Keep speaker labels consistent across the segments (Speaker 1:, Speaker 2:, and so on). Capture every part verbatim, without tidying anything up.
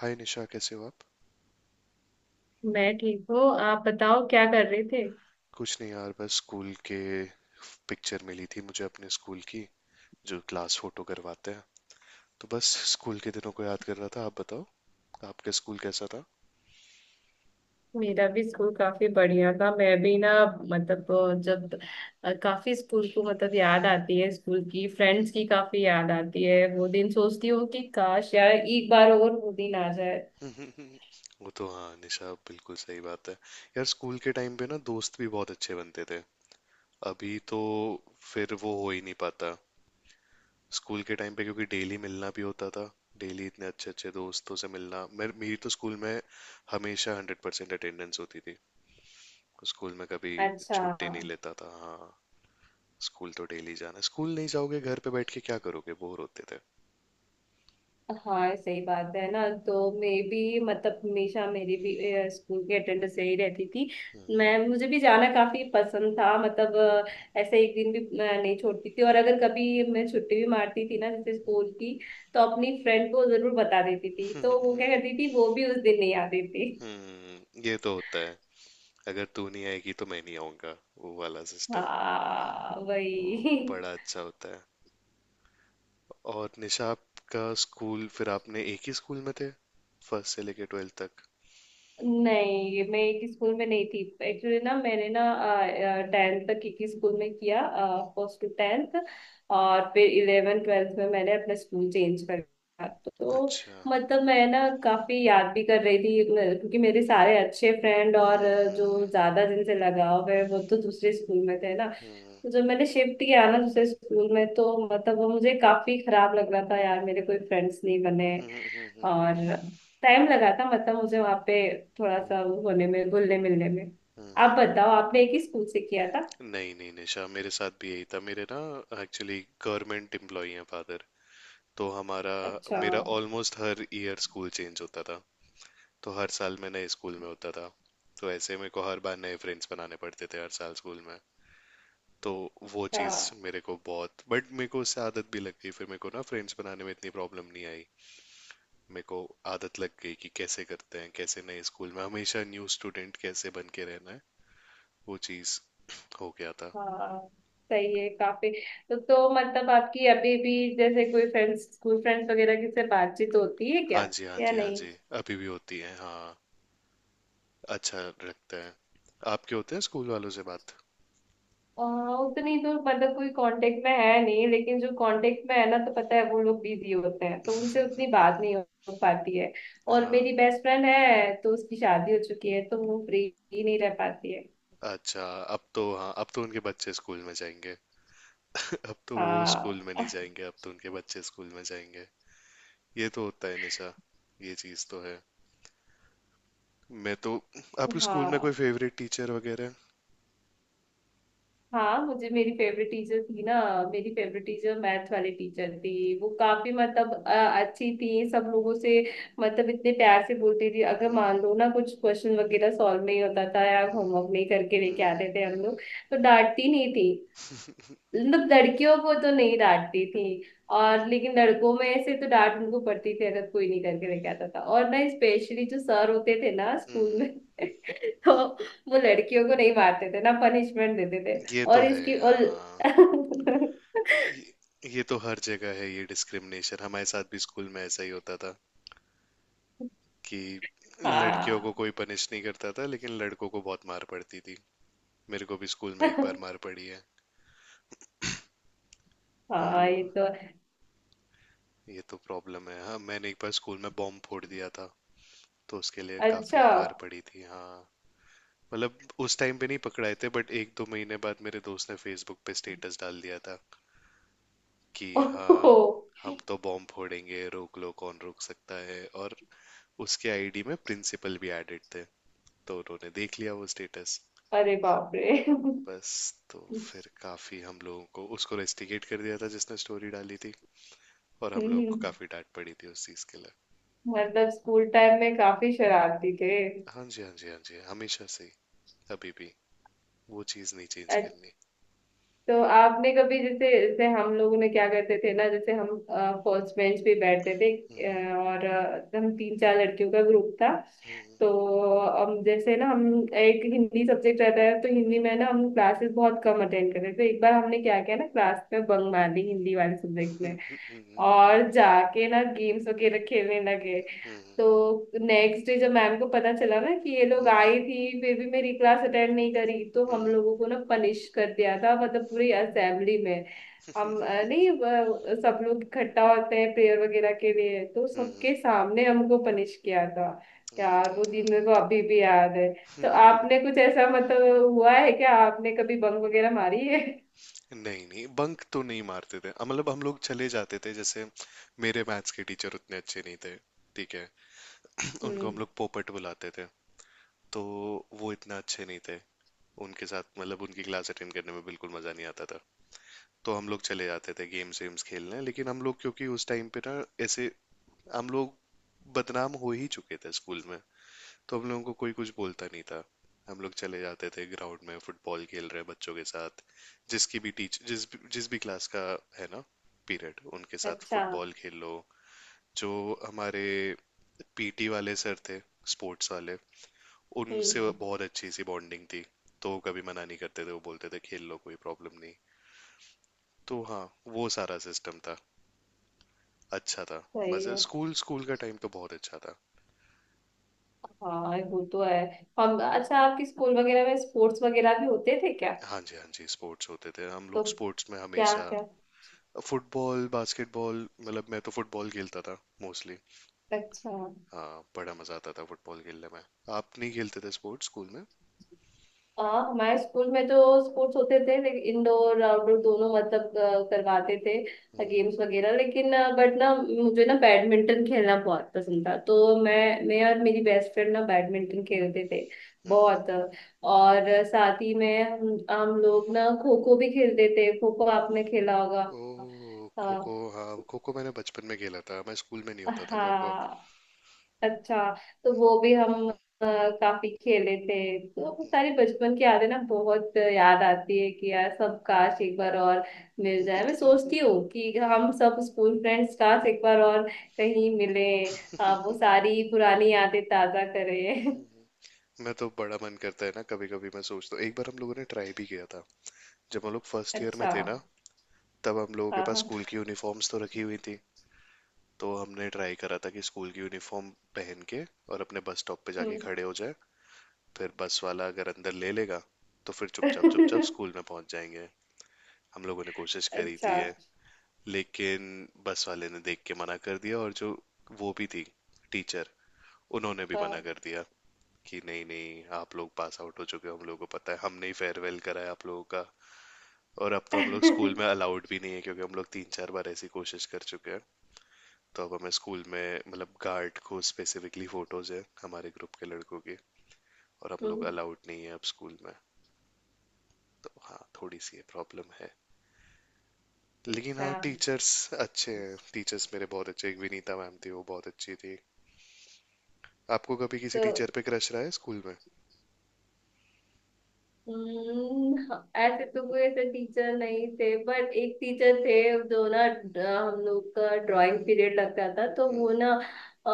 Speaker 1: हाय निशा, कैसे हो आप?
Speaker 2: मैं ठीक हूँ। आप बताओ क्या कर रहे थे।
Speaker 1: कुछ नहीं यार, बस स्कूल के पिक्चर मिली थी मुझे अपने स्कूल की, जो क्लास फोटो करवाते हैं, तो बस स्कूल के दिनों को याद कर रहा था। आप बताओ, आपका स्कूल कैसा था?
Speaker 2: मेरा भी स्कूल काफी बढ़िया था। मैं भी ना मतलब अ, जब अ, काफी स्कूल को मतलब याद आती है। स्कूल की फ्रेंड्स की काफी याद आती है। वो दिन सोचती हूँ कि काश यार एक बार और वो दिन आ जाए।
Speaker 1: वो तो हाँ निशा, बिल्कुल सही बात है यार। स्कूल के टाइम पे ना दोस्त भी बहुत अच्छे बनते थे। अभी तो फिर वो हो ही नहीं पाता। स्कूल के टाइम पे क्योंकि डेली मिलना भी होता था। डेली इतने अच्छे अच्छे दोस्तों से मिलना, मेर- मेरी तो स्कूल में हमेशा हंड्रेड परसेंट अटेंडेंस होती थी। स्कूल में कभी
Speaker 2: अच्छा।
Speaker 1: छुट्टी नहीं लेता था। हाँ, स्कूल तो डेली जाना है। स्कूल नहीं जाओगे घर पे बैठ के क्या करोगे, बोर होते थे।
Speaker 2: हाँ सही बात है ना। तो मैं भी मतलब हमेशा मेरी भी अ, स्कूल की अटेंडेंस सही रहती थी। मैं मुझे भी जाना काफी पसंद था। मतलब अ, ऐसे एक दिन भी अ, नहीं छोड़ती थी। और अगर कभी मैं छुट्टी भी मारती थी ना जैसे स्कूल की तो अपनी फ्रेंड को जरूर बता देती थी तो वो क्या करती थी वो भी उस दिन नहीं आती थी।
Speaker 1: हम्म, ये तो होता है। अगर तू नहीं आएगी तो मैं नहीं आऊंगा, वो वाला सिस्टम।
Speaker 2: हाँ
Speaker 1: वो
Speaker 2: वही
Speaker 1: बड़ा अच्छा होता है। और निशा आपका स्कूल, फिर आपने एक ही स्कूल में थे फर्स्ट से लेके ट्वेल्थ तक?
Speaker 2: नहीं मैं एक स्कूल में नहीं थी। एक्चुअली ना मैंने ना टेंथ तक एक ही स्कूल में किया। First to tenth. और फिर इलेवन ट्वेल्थ में मैंने अपना स्कूल चेंज कर दिया। तो
Speaker 1: अच्छा।
Speaker 2: मतलब मैं ना काफी याद भी कर रही थी मैं- क्योंकि मेरे सारे अच्छे फ्रेंड और
Speaker 1: हम्म,
Speaker 2: अ,
Speaker 1: हम्म,
Speaker 2: जो
Speaker 1: हम्म।
Speaker 2: ज्यादा जिनसे लगाव है वो तो दूसरे स्कूल में थे ना। तो जब मैंने शिफ्ट किया ना दूसरे स्कूल में तो मतलब वो मुझे काफी खराब लग रहा था यार मेरे कोई फ्रेंड्स नहीं बने।
Speaker 1: हम्म, हम्म, हम्म।
Speaker 2: और टाइम लगा था मतलब मुझे वहां पे थोड़ा सा वो होने में घुलने मिलने में।
Speaker 1: हम्म,
Speaker 2: आप
Speaker 1: हम्म।
Speaker 2: बताओ आपने एक ही स्कूल से किया था।
Speaker 1: नहीं नहीं निशा, मेरे साथ भी यही था। मेरे ना एक्चुअली गवर्नमेंट एम्प्लॉई हैं फादर, तो हमारा
Speaker 2: अच्छा।
Speaker 1: मेरा ऑलमोस्ट हर ईयर स्कूल चेंज होता था। तो हर साल मैं नए स्कूल में होता था। तो ऐसे मेरे को हर बार नए फ्रेंड्स बनाने पड़ते थे हर साल स्कूल में। तो वो चीज़
Speaker 2: हाँ।
Speaker 1: मेरे को बहुत, बट मेरे को उससे आदत भी लग गई। फिर मेरे को ना फ्रेंड्स बनाने में इतनी प्रॉब्लम नहीं आई। मेरे को आदत लग गई कि कैसे करते हैं, कैसे नए स्कूल में हमेशा न्यू स्टूडेंट कैसे बन के रहना है। वो चीज़ हो गया था।
Speaker 2: हाँ। सही है काफी। तो तो मतलब आपकी अभी भी जैसे कोई फ्रेंड्स स्कूल फ्रेंड्स वगैरह की से बातचीत होती है क्या?
Speaker 1: हाँ जी हाँ
Speaker 2: या
Speaker 1: जी हाँ
Speaker 2: नहीं?
Speaker 1: जी, अभी भी होती है। हाँ, अच्छा रखते हैं। आपके होते हैं स्कूल वालों से बात?
Speaker 2: आ, उतनी तो मतलब कोई कांटेक्ट में है नहीं लेकिन जो कांटेक्ट में है ना तो पता है वो लोग बिजी होते हैं तो उनसे उतनी बात नहीं हो पाती है। और
Speaker 1: हाँ
Speaker 2: मेरी बेस्ट फ्रेंड है तो उसकी शादी हो चुकी है तो वो फ्री ही नहीं रह पाती है।
Speaker 1: अच्छा, अब तो हाँ अब तो उनके बच्चे स्कूल में जाएंगे। अब तो वो
Speaker 2: हाँ
Speaker 1: स्कूल में नहीं जाएंगे, अब तो उनके बच्चे स्कूल में जाएंगे। ये तो होता है निशा, ये चीज़ तो है। मैं तो आपके स्कूल में कोई
Speaker 2: हाँ।
Speaker 1: फेवरेट टीचर वगैरह?
Speaker 2: हाँ मुझे मेरी फेवरेट टीचर थी ना। मेरी फेवरेट टीचर मैथ वाली टीचर थी। वो काफी मतलब अ, अच्छी थी सब लोगों से। मतलब इतने प्यार से बोलती थी अगर मान
Speaker 1: हम्म,
Speaker 2: लो ना कुछ क्वेश्चन वगैरह सॉल्व नहीं होता था या
Speaker 1: हम्म,
Speaker 2: होमवर्क नहीं करके लेके
Speaker 1: हम्म,
Speaker 2: आते थे हम
Speaker 1: हम्म,
Speaker 2: लोग तो डांटती नहीं थी। मतलब लड़कियों को तो नहीं डांटती थी। और लेकिन लड़कों में ऐसे तो डांट उनको पड़ती थी अगर कोई नहीं करके लेके आता था और ना स्पेशली जो सर होते थे ना स्कूल
Speaker 1: हम्म,
Speaker 2: में तो
Speaker 1: हम्म।
Speaker 2: वो लड़कियों को नहीं मारते थे ना पनिशमेंट देते थे।
Speaker 1: ये तो
Speaker 2: और
Speaker 1: है
Speaker 2: इसकी और
Speaker 1: हाँ। ये, ये तो हर जगह है ये डिस्क्रिमिनेशन, हमारे साथ भी स्कूल में ऐसा ही होता था कि लड़कियों को
Speaker 2: हाँ।
Speaker 1: कोई पनिश नहीं करता था लेकिन लड़कों को बहुत मार पड़ती थी। मेरे को भी स्कूल में एक बार मार पड़ी है। हम
Speaker 2: हाँ। ये
Speaker 1: लो-
Speaker 2: तो।
Speaker 1: ये तो प्रॉब्लम है। हाँ, मैंने एक बार स्कूल में बॉम्ब फोड़ दिया था, तो उसके लिए
Speaker 2: अच्छा।
Speaker 1: काफी मार पड़ी थी। हाँ मतलब उस टाइम पे नहीं पकड़ाए थे, बट एक दो महीने बाद मेरे दोस्त ने फेसबुक पे स्टेटस डाल दिया था कि
Speaker 2: ओहो।
Speaker 1: हाँ, हम तो बॉम्ब फोड़ेंगे, रोक लो कौन रोक सकता है। और उसके आईडी में प्रिंसिपल भी एडेड थे, तो उन्होंने देख लिया वो स्टेटस।
Speaker 2: अरे बाप रे
Speaker 1: बस, तो फिर काफी हम लोगों को उसको रेस्टिकेट कर दिया था जिसने स्टोरी डाली थी, और हम लोगों को
Speaker 2: हम्म।
Speaker 1: काफी डांट पड़ी थी उस चीज के लिए।
Speaker 2: मतलब स्कूल टाइम में काफी शरारती थे।
Speaker 1: हाँ जी हाँ जी हाँ जी, हमेशा से ही, अभी भी वो चीज़ नहीं चेंज
Speaker 2: अच्छा।
Speaker 1: करनी।
Speaker 2: तो आपने कभी जैसे जैसे हम लोगों ने क्या करते थे ना जैसे हम फर्स्ट बेंच पे बैठते थे अ, और अ, हम तीन चार लड़कियों का ग्रुप था। तो हम जैसे ना हम एक हिंदी सब्जेक्ट रहता है तो हिंदी में ना हम क्लासेस बहुत कम अटेंड करते थे तो एक बार हमने क्या किया ना क्लास में बंक मार ली हिंदी वाले सब्जेक्ट में। और जाके ना गेम्स वगैरह खेलने लगे। तो नेक्स्ट डे जब मैम को पता चला ना कि ये लोग आई थी फिर भी मेरी क्लास अटेंड नहीं करी तो हम लोगों को ना पनिश कर दिया था मतलब पूरी असेंबली में। हम अ, नहीं अ, सब लोग इकट्ठा होते हैं प्रेयर वगैरह के लिए तो सबके सामने हमको पनिश किया था। यार वो दिन मेरे को अभी भी याद है। तो आपने कुछ ऐसा मतलब हुआ है क्या आपने कभी बंक वगैरह मारी है?
Speaker 1: नहीं नहीं, बंक तो नहीं मारते थे, मतलब हम लोग चले जाते थे। जैसे मेरे मैथ्स के टीचर उतने अच्छे नहीं थे, ठीक है। उनको हम
Speaker 2: हम्म।
Speaker 1: लोग पोपट बुलाते थे। तो वो इतना अच्छे नहीं थे, उनके साथ मतलब उनकी क्लास अटेंड करने में बिल्कुल मज़ा नहीं आता था। तो हम लोग चले जाते थे गेम्स वेम्स खेलने। लेकिन हम लोग, क्योंकि उस टाइम पे ना ऐसे हम लोग बदनाम हो ही चुके थे स्कूल में, तो हम लोगों को कोई कुछ बोलता नहीं था। हम लोग चले जाते थे ग्राउंड में फुटबॉल खेल रहे बच्चों के साथ, जिसकी भी टीच जिस भी- जिस भी क्लास का है ना पीरियड, उनके साथ
Speaker 2: अच्छा।
Speaker 1: फुटबॉल खेल लो। जो हमारे पीटी वाले सर थे, स्पोर्ट्स वाले, उनसे
Speaker 2: हम्म।
Speaker 1: बहुत अच्छी सी बॉन्डिंग थी। तो वो कभी मना नहीं करते थे, वो बोलते थे खेल लो कोई प्रॉब्लम नहीं। तो हाँ, वो सारा सिस्टम था, अच्छा था।
Speaker 2: सही
Speaker 1: मजे,
Speaker 2: है।
Speaker 1: स्कूल स्कूल का टाइम तो बहुत अच्छा था।
Speaker 2: हाँ वो तो है। हम अच्छा आपके स्कूल वगैरह में स्पोर्ट्स वगैरह भी होते थे क्या?
Speaker 1: हाँ जी हाँ जी, स्पोर्ट्स होते थे। हम
Speaker 2: तो
Speaker 1: लोग स्पोर्ट्स में
Speaker 2: क्या
Speaker 1: हमेशा
Speaker 2: क्या?
Speaker 1: फुटबॉल बास्केटबॉल, मतलब मैं तो फुटबॉल खेलता था मोस्टली।
Speaker 2: अच्छा।
Speaker 1: हाँ, बड़ा मजा आता था फुटबॉल खेलने में। आप नहीं खेलते थे स्पोर्ट्स स्कूल में?
Speaker 2: हाँ हमारे स्कूल में तो स्पोर्ट्स होते थे लेकिन इंडोर आउटडोर दोनों मतलब अ, करवाते थे
Speaker 1: हम्म,
Speaker 2: गेम्स वगैरह लेकिन बट ना मुझे ना बैडमिंटन खेलना बहुत पसंद था तो मैं मैं और मेरी बेस्ट फ्रेंड ना बैडमिंटन खेलते थे
Speaker 1: हम्म।
Speaker 2: बहुत। और साथ ही में हम हम लोग ना खो खो भी खेलते थे। खो खो आपने खेला होगा?
Speaker 1: ओ खो खो,
Speaker 2: हाँ।
Speaker 1: हाँ खो खो मैंने बचपन में खेला था, मैं स्कूल में नहीं होता था खो खो।
Speaker 2: हाँ। अच्छा। तो वो भी हम अ, काफी खेले थे। तो वो सारी बचपन की यादें ना बहुत याद आती है कि यार सब काश एक बार और मिल जाए। मैं सोचती हूँ कि हम सब स्कूल फ्रेंड्स काश एक बार और कहीं मिले वो सारी पुरानी यादें ताजा करें।
Speaker 1: मैं तो बड़ा मन करता है ना, कभी कभी मैं सोचता हूँ। एक बार हम लोगों ने ट्राई भी किया था जब हम लोग फर्स्ट ईयर में
Speaker 2: अच्छा।
Speaker 1: थे ना। तब हम लोगों के
Speaker 2: हाँ।
Speaker 1: पास
Speaker 2: हाँ।
Speaker 1: स्कूल की यूनिफॉर्म्स तो रखी हुई थी, तो हमने ट्राई करा था कि स्कूल की यूनिफॉर्म पहन के और अपने बस स्टॉप पे जाके
Speaker 2: हम्म।
Speaker 1: खड़े हो जाए, फिर बस वाला अगर अंदर ले लेगा तो फिर चुपचाप चुपचाप स्कूल में पहुंच जाएंगे। हम लोगों ने कोशिश करी थी
Speaker 2: अच्छा।
Speaker 1: ये। लेकिन बस वाले ने देख के मना कर दिया, और जो वो भी थी टीचर, उन्होंने भी मना
Speaker 2: हाँ
Speaker 1: कर दिया कि नहीं नहीं आप लोग पास आउट हो चुके हो, हम लोगों को पता है, हमने ही फेयरवेल करा है आप लोगों का। और अब तो हम लोग स्कूल में
Speaker 2: हम्म।
Speaker 1: अलाउड भी नहीं है क्योंकि हम लोग तीन चार बार ऐसी कोशिश कर चुके हैं। तो अब हमें स्कूल में, मतलब गार्ड को स्पेसिफिकली फोटोज है हमारे ग्रुप के लड़कों की, और हम लोग अलाउड नहीं है अब स्कूल में। तो हाँ, थोड़ी सी ये प्रॉब्लम है। लेकिन
Speaker 2: अच्छा।
Speaker 1: हाँ, टीचर्स अच्छे हैं, टीचर्स मेरे बहुत अच्छे, एक विनीता मैम थी वो बहुत अच्छी थी। आपको कभी किसी
Speaker 2: तो
Speaker 1: टीचर पे क्रश रहा है स्कूल में?
Speaker 2: हम्म, हाँ, ऐसे तो कोई ऐसे टीचर नहीं थे बट एक टीचर थे जो ना ड- हम लोग का ड्राइंग पीरियड लगता था तो वो
Speaker 1: हम्म,
Speaker 2: ना अ,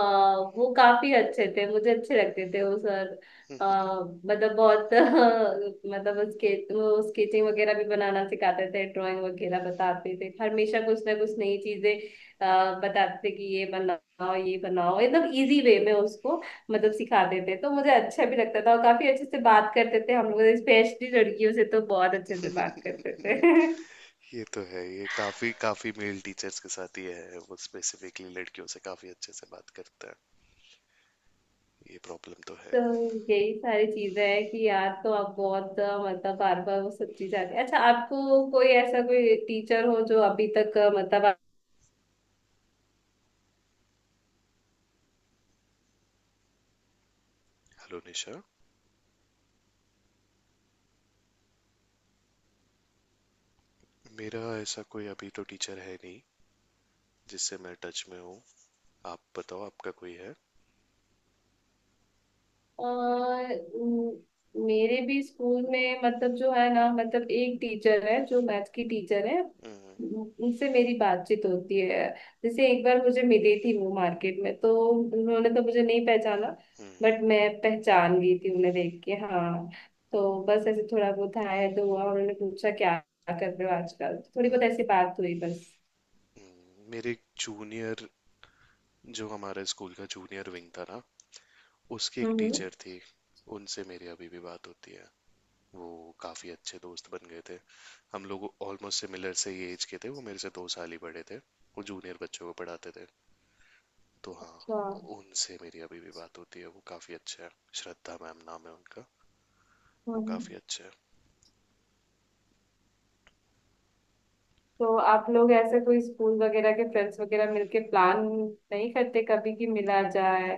Speaker 2: वो काफी अच्छे थे मुझे अच्छे लगते थे वो सर। अ, मतलब बहुत मतलब उसके वो स्केचिंग वगैरह भी बनाना सिखाते थे ड्राइंग वगैरह बताते थे हमेशा कुछ ना कुछ नई चीजें अ, बताते थे कि ये बनाओ ये बनाओ एकदम इजी वे में उसको मतलब सिखा देते तो मुझे अच्छा भी लगता था और काफी अच्छे से बात करते थे हम लोग स्पेशली लड़कियों से तो बहुत अच्छे से बात करते थे
Speaker 1: ये तो है, ये काफी काफी मेल टीचर्स के साथ ही है वो, स्पेसिफिकली लड़कियों से काफी अच्छे से बात करता है। ये प्रॉब्लम तो है।
Speaker 2: तो यही सारी चीजें हैं कि यार तो आप बहुत अ, मतलब बार बार वो सब चीज आती है। अच्छा आपको कोई ऐसा कोई टीचर हो जो अभी तक अ, मतलब।
Speaker 1: हेलो निशा। मेरा ऐसा कोई अभी तो टीचर है नहीं जिससे मैं टच में हूँ। आप बताओ, आपका कोई है?
Speaker 2: अ, म- मेरे भी स्कूल में मतलब जो है ना मतलब एक टीचर है जो मैथ की टीचर है।
Speaker 1: हम्म,
Speaker 2: उन- उनसे मेरी बातचीत होती है। जैसे एक बार मुझे मिली थी वो मार्केट में तो उन्होंने तो मुझे नहीं पहचाना
Speaker 1: हम्म,
Speaker 2: बट मैं पहचान गई थी उन्हें देख के हाँ। तो बस ऐसे थोड़ा बहुत हाय दो हुआ उन्होंने पूछा क्या कर रहे हो आजकल थोड़ी
Speaker 1: हम्म,
Speaker 2: बहुत ऐसी बात हुई बस।
Speaker 1: हम्म। मेरे जूनियर, जो हमारे स्कूल का जूनियर विंग था ना, उसकी एक
Speaker 2: हम्म।
Speaker 1: टीचर थी, उनसे मेरी अभी भी बात होती है। वो काफ़ी अच्छे दोस्त बन गए थे। हम लोग ऑलमोस्ट सिमिलर से ही एज के थे, वो मेरे से दो साल ही बड़े थे। वो जूनियर बच्चों को पढ़ाते थे। तो हाँ उनसे मेरी अभी भी बात होती है, वो काफ़ी अच्छा है। श्रद्धा मैम नाम है उनका। वो
Speaker 2: हाँ।
Speaker 1: काफ़ी अच्छा है।
Speaker 2: तो आप लोग ऐसे कोई स्कूल वगैरह के फ्रेंड्स वगैरह मिलके प्लान नहीं करते कभी कि मिला जाए?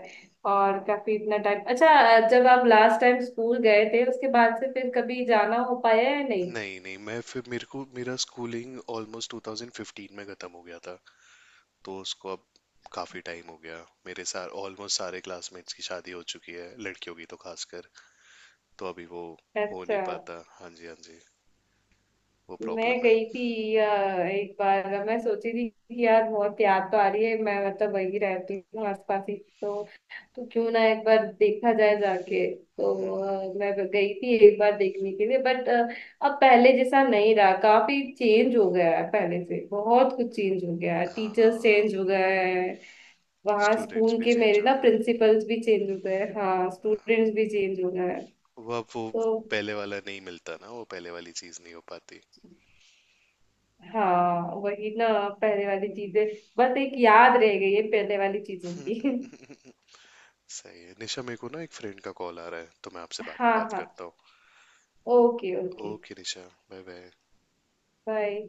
Speaker 2: और काफी इतना टाइम अच्छा जब आप लास्ट टाइम स्कूल गए थे उसके बाद से फिर कभी जाना हो पाया या नहीं?
Speaker 1: नहीं नहीं, मैं फिर मेरे को मेरा स्कूलिंग ऑलमोस्ट ट्वेंटी फ़िफ़्टीन में ख़त्म हो गया था। तो उसको अब काफ़ी टाइम हो गया, मेरे सार ऑलमोस्ट सारे क्लासमेट्स की शादी हो चुकी है, लड़कियों की तो खासकर। तो अभी वो हो नहीं
Speaker 2: अच्छा।
Speaker 1: पाता, हाँ जी हाँ जी, वो
Speaker 2: मैं
Speaker 1: प्रॉब्लम है।
Speaker 2: गई थी अ, एक बार मैं सोची थी कि यार बहुत याद तो आ रही है मैं मतलब वही रहती हूँ आसपास ही। तो तो क्यों ना एक बार देखा जाए जाके तो।
Speaker 1: हम्म, हम्म,
Speaker 2: अ, मैं गई थी एक बार देखने के लिए बट अब पहले जैसा नहीं रहा काफी चेंज हो गया है पहले से बहुत कुछ चेंज हो गया है टीचर्स
Speaker 1: हाँ,
Speaker 2: चेंज हो गए हैं। वहाँ
Speaker 1: स्टूडेंट्स
Speaker 2: स्कूल
Speaker 1: भी
Speaker 2: के
Speaker 1: चेंज
Speaker 2: मेरे
Speaker 1: हो
Speaker 2: ना
Speaker 1: गए।
Speaker 2: प्रिंसिपल्स भी चेंज हो गए हैं, हाँ स्टूडेंट्स भी चेंज हो गए हैं।
Speaker 1: वो अब वो
Speaker 2: तो
Speaker 1: पहले वाला नहीं मिलता ना, वो पहले वाली चीज़ नहीं हो पाती।
Speaker 2: हाँ वही ना पहले वाली चीजें बस एक याद रह गई है पहले वाली चीजों की।
Speaker 1: सही है निशा, मेरे को ना एक फ्रेंड का कॉल आ रहा है, तो मैं आपसे बाद में
Speaker 2: हाँ।
Speaker 1: बात
Speaker 2: हाँ।
Speaker 1: करता
Speaker 2: ओके
Speaker 1: हूँ।
Speaker 2: Okay.
Speaker 1: Okay Nisha, bye bye.
Speaker 2: Bye.